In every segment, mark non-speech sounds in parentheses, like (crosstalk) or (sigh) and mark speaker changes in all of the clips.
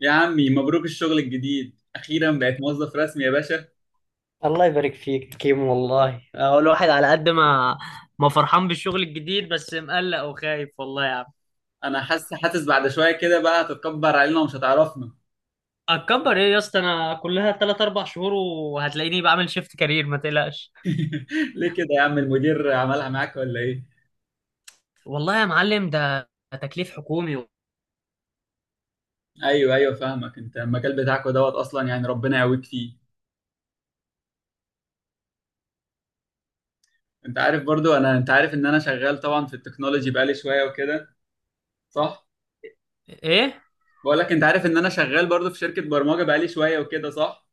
Speaker 1: يا عمي مبروك الشغل الجديد، اخيرا بقيت موظف رسمي يا باشا.
Speaker 2: الله يبارك فيك كيمو والله الواحد على قد ما ما فرحان بالشغل الجديد بس مقلق وخايف والله يا عم.
Speaker 1: انا حاسس بعد شويه كده بقى هتتكبر علينا ومش هتعرفنا.
Speaker 2: اتكبر ايه يا اسطى؟ انا كلها 3 4 شهور وهتلاقيني بعمل شيفت كارير، ما تقلقش.
Speaker 1: (laughs) ليه كده يا عم؟ المدير عملها معاك ولا ايه؟
Speaker 2: والله يا معلم ده تكليف حكومي و...
Speaker 1: ايوه ايوه، فاهمك. انت المجال بتاعك دوت اصلا، يعني ربنا يقويك فيه. انت عارف برضو انت عارف ان انا شغال طبعا في التكنولوجي بقالي شويه وكده، صح؟
Speaker 2: ايه.
Speaker 1: بقول لك، انت عارف ان انا شغال برضو في شركه برمجه بقالي شويه وكده، صح؟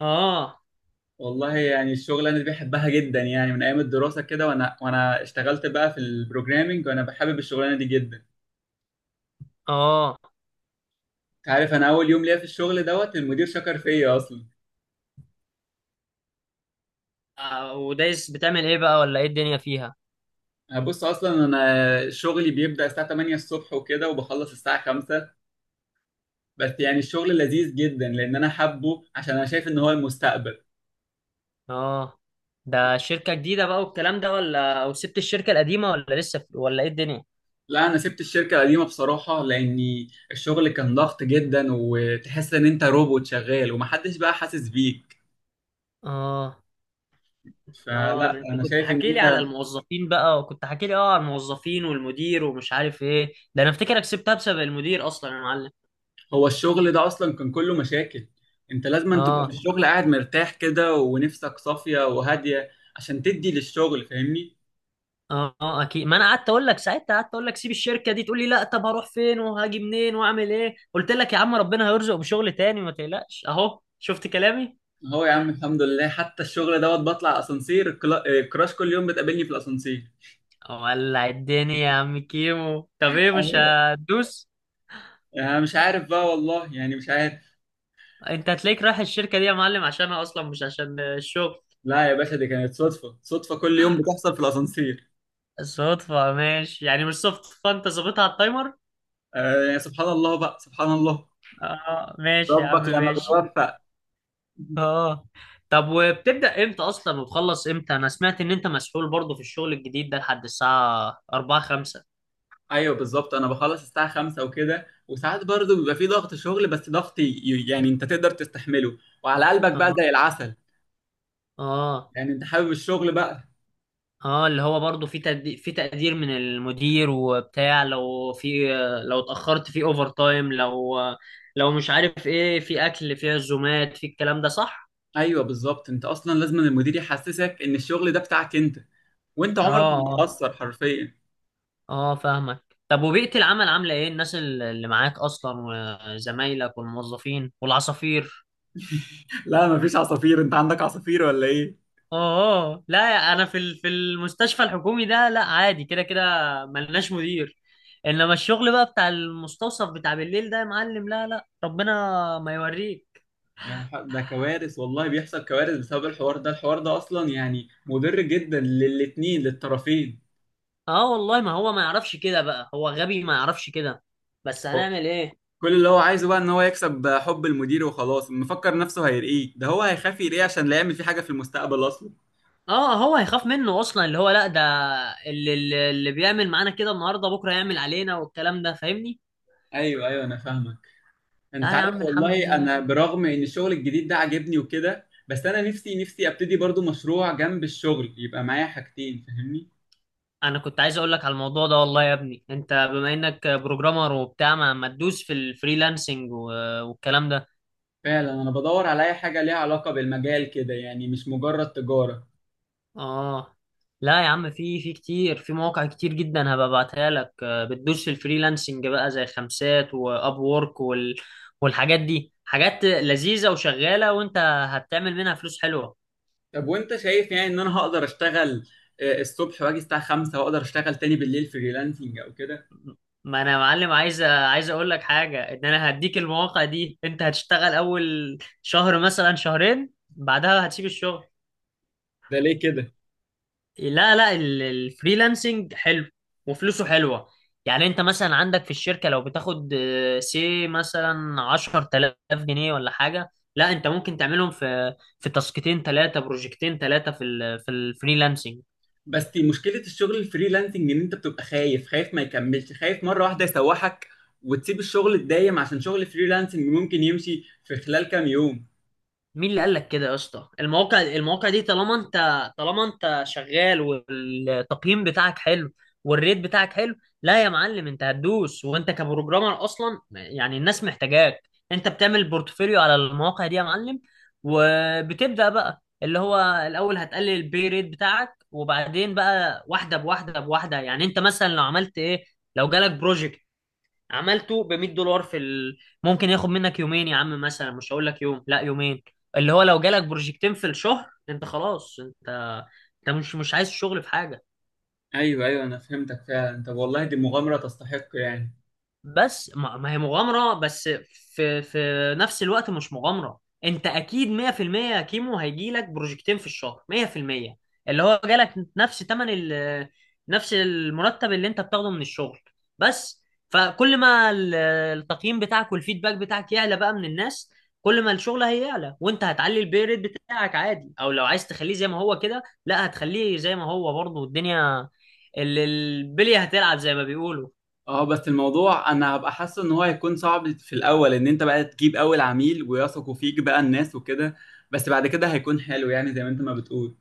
Speaker 2: اه
Speaker 1: والله يعني الشغل انا بحبها جدا، يعني من ايام الدراسه كده، وانا اشتغلت بقى في البروجرامينج وانا بحابب الشغلانه دي جدا.
Speaker 2: اه
Speaker 1: عارف، انا اول يوم ليا في الشغل دوت المدير شكر فيا اصلا.
Speaker 2: ودايس بتعمل ايه بقى ولا ايه الدنيا فيها؟
Speaker 1: هبص، اصلا انا شغلي بيبدا الساعه 8 الصبح وكده وبخلص الساعه 5. بس يعني الشغل لذيذ جدا لان انا حابه، عشان انا شايف ان هو المستقبل.
Speaker 2: اه. ده شركة جديدة بقى والكلام ده، ولا وسبت الشركة القديمة، ولا لسه في... ولا ايه الدنيا؟
Speaker 1: لا انا سبت الشركه القديمه بصراحه لاني الشغل كان ضغط جدا، وتحس ان انت روبوت شغال ومحدش بقى حاسس بيك.
Speaker 2: اه اه. ده
Speaker 1: فلا
Speaker 2: انت
Speaker 1: انا
Speaker 2: كنت
Speaker 1: شايف ان
Speaker 2: حكي لي على
Speaker 1: انت...
Speaker 2: الموظفين بقى وكنت حكي لي على الموظفين والمدير ومش عارف ايه، ده انا افتكرك سبتها بسبب المدير اصلا يا معلم.
Speaker 1: هو الشغل ده اصلا كان كله مشاكل. انت لازم أن تبقى في
Speaker 2: اه
Speaker 1: الشغل قاعد مرتاح كده ونفسك صافية وهادية، عشان تدي للشغل، فاهمني؟
Speaker 2: اه اه اكيد. ما انا قعدت اقول لك ساعتها، قعدت اقول لك سيب الشركه دي، تقول لي لا طب هروح فين وهاجي منين واعمل ايه. قلت لك يا عم ربنا هيرزق بشغل تاني، ما تقلقش، اهو شفت كلامي.
Speaker 1: هو يا عم الحمد لله، حتى الشغل دوت بطلع اسانسير، الكراش كل يوم بتقابلني في الاسانسير.
Speaker 2: ولع الدنيا يا عم كيمو. طب ايه، مش
Speaker 1: أيوة.
Speaker 2: هتدوس؟
Speaker 1: انا مش عارف بقى والله، يعني مش عارف.
Speaker 2: انت هتلاقيك رايح الشركه دي يا معلم عشانها اصلا، مش عشان الشغل.
Speaker 1: لا يا باشا، دي كانت صدفة، صدفة كل يوم بتحصل في الاسانسير.
Speaker 2: صدفه ماشي، يعني مش صدفه، انت ظابطها على التايمر.
Speaker 1: آه يعني سبحان الله بقى، سبحان الله.
Speaker 2: اه ماشي يا عم
Speaker 1: ربك لما
Speaker 2: ماشي.
Speaker 1: بيوفق.
Speaker 2: اه. طب وبتبدأ امتى اصلا وتخلص امتى؟ انا سمعت ان انت مسحول برضه في الشغل الجديد ده لحد الساعة 4 5.
Speaker 1: ايوه بالظبط، انا بخلص الساعه 5 وكده، وساعات برضو بيبقى في ضغط شغل، بس ضغط يعني انت تقدر تستحمله، وعلى قلبك بقى
Speaker 2: اه
Speaker 1: زي العسل.
Speaker 2: اه
Speaker 1: يعني انت حابب الشغل بقى.
Speaker 2: اه، اللي هو برضه في تقدير، في تقدير من المدير وبتاع، لو في، لو اتأخرت في اوفر تايم، لو مش عارف ايه، في اكل، في عزومات، في الكلام ده، صح؟
Speaker 1: ايوه بالظبط، انت اصلا لازم المدير يحسسك ان الشغل ده بتاعك انت، وانت
Speaker 2: اه
Speaker 1: عمرك ما
Speaker 2: اه،
Speaker 1: هتأثر حرفيا.
Speaker 2: فاهمك. طب وبيئة العمل عاملة ايه، الناس اللي معاك اصلا، وزمايلك والموظفين والعصافير؟
Speaker 1: (laughs) لا مفيش عصافير، انت عندك عصافير ولا ايه؟
Speaker 2: اه لا. انا في في المستشفى الحكومي ده لا، عادي كده كده. ملناش مدير. انما الشغل بقى بتاع المستوصف بتاع بالليل ده يا معلم، لا لا ربنا ما يوريك.
Speaker 1: يعني ده كوارث، والله بيحصل كوارث بسبب الحوار ده، الحوار ده اصلا يعني مضر جدا للاتنين، للطرفين.
Speaker 2: اه والله، ما هو ما يعرفش كده بقى، هو غبي ما يعرفش كده، بس هنعمل ايه.
Speaker 1: كل اللي هو عايزه بقى ان هو يكسب حب المدير وخلاص، مفكر نفسه هيرقيه. ده هو هيخاف يرقيه عشان لا يعمل فيه حاجه في المستقبل اصلا.
Speaker 2: اه، هو هيخاف منه اصلا، اللي هو لا ده. اللي بيعمل معانا كده النهارده، بكره يعمل علينا والكلام ده، فاهمني.
Speaker 1: ايوه ايوه، انا فاهمك. انت
Speaker 2: لا يا
Speaker 1: عارف
Speaker 2: عم الحمد
Speaker 1: والله،
Speaker 2: لله.
Speaker 1: انا برغم ان الشغل الجديد ده عاجبني وكده، بس انا نفسي نفسي ابتدي برضو مشروع جنب الشغل يبقى معايا حاجتين، فاهمني؟
Speaker 2: انا كنت عايز اقول لك على الموضوع ده، والله يا ابني انت بما انك بروجرامر وبتاع ما تدوس في الفريلانسنج والكلام ده.
Speaker 1: فعلا انا بدور على اي حاجه ليها علاقه بالمجال كده، يعني مش مجرد تجاره.
Speaker 2: اه. لا يا عم، في كتير، في مواقع كتير جدا هبقى ابعتها لك، بتدوس في الفريلانسنج بقى زي خمسات واب وورك وال والحاجات دي حاجات لذيذة وشغالة، وانت هتعمل منها فلوس حلوة.
Speaker 1: طب وانت شايف يعني ان انا هقدر اشتغل الصبح واجي الساعه 5 واقدر اشتغل تاني بالليل فريلانسنج او كده؟
Speaker 2: ما انا يا معلم عايز، عايز اقول لك حاجة، ان انا هديك المواقع دي، انت هتشتغل اول شهر مثلا شهرين، بعدها هتسيب الشغل.
Speaker 1: ده ليه كده؟
Speaker 2: لا لا، الفريلانسنج حلو وفلوسه حلوة. يعني انت مثلا عندك في الشركة لو بتاخد، سي مثلا عشرة آلاف جنيه ولا حاجة، لا انت ممكن تعملهم في تاسكتين ثلاثة، بروجكتين ثلاثة في ال في الفريلانسنج.
Speaker 1: بس دي مشكلة الشغل الفريلانسنج، ان انت بتبقى خايف، خايف ما يكملش، خايف مرة واحدة يسوحك وتسيب الشغل الدايم عشان شغل الفريلانسنج ممكن يمشي في خلال كام يوم.
Speaker 2: مين اللي قال لك كده يا اسطى؟ المواقع، المواقع دي طالما انت، طالما انت شغال والتقييم بتاعك حلو، والريت بتاعك حلو، لا يا معلم انت هتدوس، وانت كبروجرامر اصلا يعني الناس محتاجاك. انت بتعمل بورتفوليو على المواقع دي يا معلم، وبتبدأ بقى اللي هو الاول هتقلل البي ريت بتاعك، وبعدين بقى واحده بواحده بواحده. يعني انت مثلا لو عملت ايه، لو جالك بروجكت عملته ب 100 دولار في ال... ممكن ياخد منك يومين يا عم مثلا، مش هقول لك يوم، لا يومين. اللي هو لو جالك بروجكتين في الشهر انت خلاص، انت، انت مش عايز شغل في حاجه.
Speaker 1: ايوه ايوه، انا فهمتك فعلا. طب والله دي مغامرة تستحق يعني.
Speaker 2: بس ما، ما هي مغامرة، بس في نفس الوقت مش مغامرة، انت اكيد 100% يا كيمو، هيجيلك بروجكتين في الشهر 100%. اللي هو جالك نفس تمن ال، نفس المرتب اللي انت بتاخده من الشغل بس. فكل ما التقييم بتاعك والفيدباك بتاعك يعلى بقى من الناس، كل ما الشغل هيعلى وانت هتعلي البي ريت بتاعك عادي، او لو عايز تخليه زي ما هو كده، لا هتخليه زي ما هو برضه، الدنيا البلية هتلعب زي ما بيقولوا.
Speaker 1: اه بس الموضوع، انا هبقى حاسه ان هو هيكون صعب في الاول، ان انت بقى تجيب اول عميل ويثقوا فيك بقى الناس وكده. بس بعد كده هيكون حلو يعني، زي ما انت ما بتقول.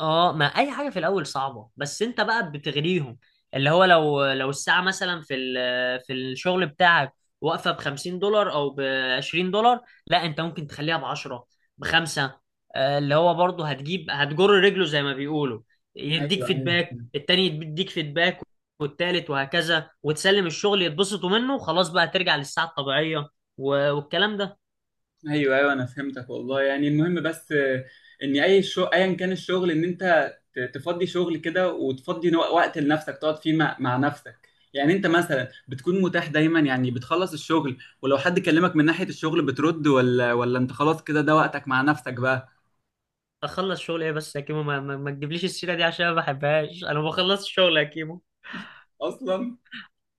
Speaker 2: اه، ما اي حاجه في الاول صعبه، بس انت بقى بتغريهم. اللي هو لو الساعه مثلا في في الشغل بتاعك واقفه ب 50 دولار او ب 20 دولار، لا انت ممكن تخليها ب 10، بخمسة. اللي هو برضه هتجيب، هتجر رجله زي ما بيقولوا، يديك
Speaker 1: ايوه
Speaker 2: فيدباك،
Speaker 1: ايوه
Speaker 2: التاني يديك فيدباك، والتالت، وهكذا، وتسلم الشغل يتبسطوا منه خلاص بقى، ترجع للساعه الطبيعيه والكلام ده.
Speaker 1: ايوه ايوه، انا فهمتك والله. يعني المهم بس، ان اي ايا كان الشغل، ان انت تفضي شغل كده وتفضي وقت لنفسك تقعد فيه مع نفسك. يعني انت مثلا بتكون متاح دايما، يعني بتخلص الشغل ولو حد كلمك من ناحية الشغل بترد، ولا انت خلاص كده، ده وقتك مع نفسك بقى.
Speaker 2: اخلص شغل ايه بس يا كيمو، ما تجيبليش السيره دي عشان ما بحبهاش. انا بخلص الشغل يا كيمو.
Speaker 1: اصلا.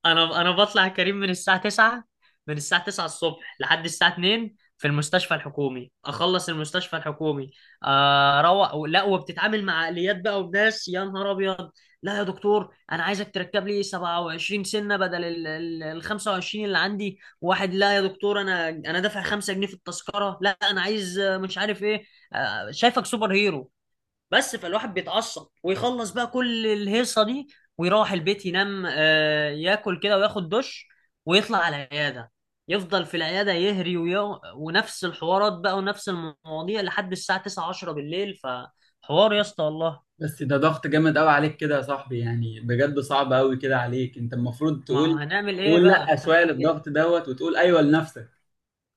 Speaker 2: انا بطلع كريم من الساعه 9، من الساعه 9 الصبح لحد الساعه 2 في المستشفى الحكومي. اخلص المستشفى الحكومي، اروح. لا، وبتتعامل مع عقليات بقى وناس، يا نهار ابيض. لا يا دكتور انا عايزك تركب لي 27 سنه بدل ال ال 25 اللي عندي، واحد لا يا دكتور انا، انا دافع 5 جنيه في التذكره، لا انا عايز، مش عارف ايه، شايفك سوبر هيرو. بس فالواحد بيتعصب ويخلص بقى كل الهيصه دي، ويروح البيت ينام، ياكل كده وياخد دش، ويطلع على العياده، يفضل في العياده يهري ونفس الحوارات بقى ونفس المواضيع لحد الساعه 9 10 بالليل. فحوار يا اسطى والله.
Speaker 1: بس ده ضغط جامد قوي عليك كده يا صاحبي، يعني بجد صعب قوي كده عليك. انت المفروض تقول
Speaker 2: ما هنعمل ايه
Speaker 1: تقول لا
Speaker 2: بقى،
Speaker 1: شوية
Speaker 2: هنعمل ايه.
Speaker 1: للضغط دوت، وتقول ايوه لنفسك.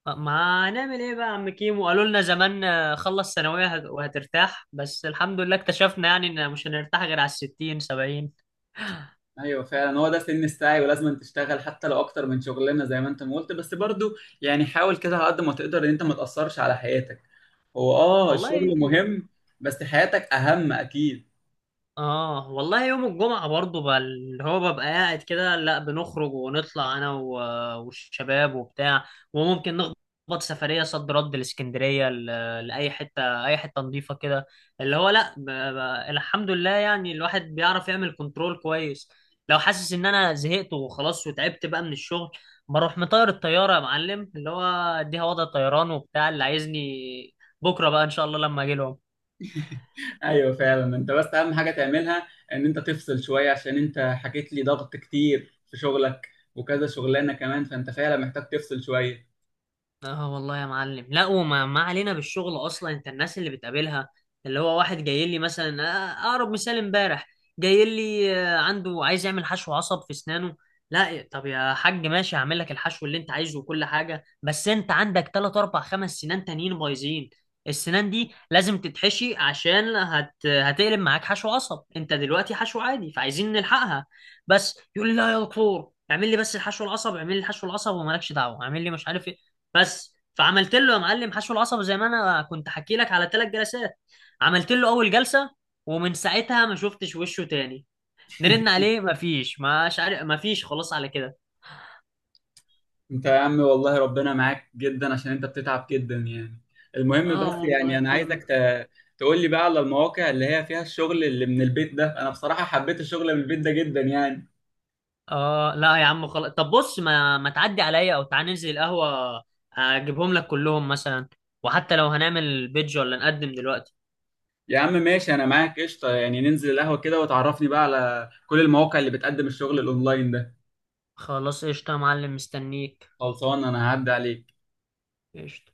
Speaker 2: ما هنعمل ايه بقى يا عم كيمو؟ قالوا لنا زمان، خلص ثانويه وهترتاح، بس الحمد لله اكتشفنا يعني ان مش هنرتاح غير على الستين سبعين
Speaker 1: ايوه فعلا، هو ده سن السعي ولازم تشتغل حتى لو اكتر من شغلانه زي ما انت ما قلت، بس برضو يعني حاول كده على قد ما تقدر ان انت ما تاثرش على حياتك. هو اه،
Speaker 2: والله.
Speaker 1: الشغل مهم بس حياتك اهم اكيد.
Speaker 2: اه والله، يوم الجمعة برضو بقى اللي هو ببقى قاعد كده، لا، بنخرج ونطلع انا والشباب وبتاع، وممكن نخبط سفرية صد رد الاسكندرية، لأي حتة، أي حتة نظيفة كده. اللي هو لا، الحمد لله يعني الواحد بيعرف يعمل كنترول كويس. لو حاسس إن أنا زهقت وخلاص وتعبت بقى من الشغل، بروح مطير الطيارة يا معلم، اللي هو أديها وضع طيران وبتاع، اللي عايزني بكرة بقى إن شاء الله لما أجي.
Speaker 1: ايوه فعلا، انت بس اهم حاجه تعملها ان انت تفصل شويه، عشان انت حكيت لي ضغط كتير في شغلك وكذا شغلانه كمان، فانت فعلا محتاج تفصل شويه.
Speaker 2: اه والله يا معلم. لا، وما، ما علينا بالشغل اصلا، انت الناس اللي بتقابلها، اللي هو واحد جاي لي مثلا، اقرب مثال امبارح جاي لي، عنده عايز يعمل حشو عصب في اسنانه. لا يا- طب يا حاج ماشي هعمل لك الحشو اللي انت عايزه وكل حاجه، بس انت عندك 3 4 5 سنان تانيين بايظين، السنان دي لازم تتحشي عشان هتقلب معاك حشو عصب، انت دلوقتي حشو عادي، فعايزين نلحقها. بس يقول لي لا يا دكتور اعمل لي بس الحشو العصب، اعمل لي الحشو العصب ومالكش دعوه، اعمل لي مش عارف إيه. بس فعملت له يا معلم حشو العصب زي ما انا كنت حكي لك على ثلاث جلسات. عملت له اول جلسه، ومن ساعتها ما شفتش وشه تاني، نرن عليه ما فيش، مش عارف، ما فيش، خلاص على كده.
Speaker 1: انت يا عم والله ربنا معاك جدا عشان انت بتتعب جدا يعني. المهم
Speaker 2: اه
Speaker 1: بس
Speaker 2: والله يا
Speaker 1: يعني انا
Speaker 2: كيم.
Speaker 1: عايزك ت... تقول لي بقى على المواقع اللي هي فيها الشغل اللي من البيت ده. انا بصراحة حبيت الشغل من البيت ده جدا يعني.
Speaker 2: اه لا يا عم خلاص. طب بص، ما تعدي عليا او تعال ننزل القهوه، اجيبهم لك كلهم مثلا، وحتى لو هنعمل بيدج ولا نقدم دلوقتي.
Speaker 1: يا عم ماشي، انا معاك قشطة يعني. ننزل القهوة كده وتعرفني بقى على كل المواقع اللي بتقدم الشغل الاونلاين ده.
Speaker 2: خلاص قشطه يا معلم، مستنيك.
Speaker 1: خلصان، انا هعدي عليك.
Speaker 2: قشطه.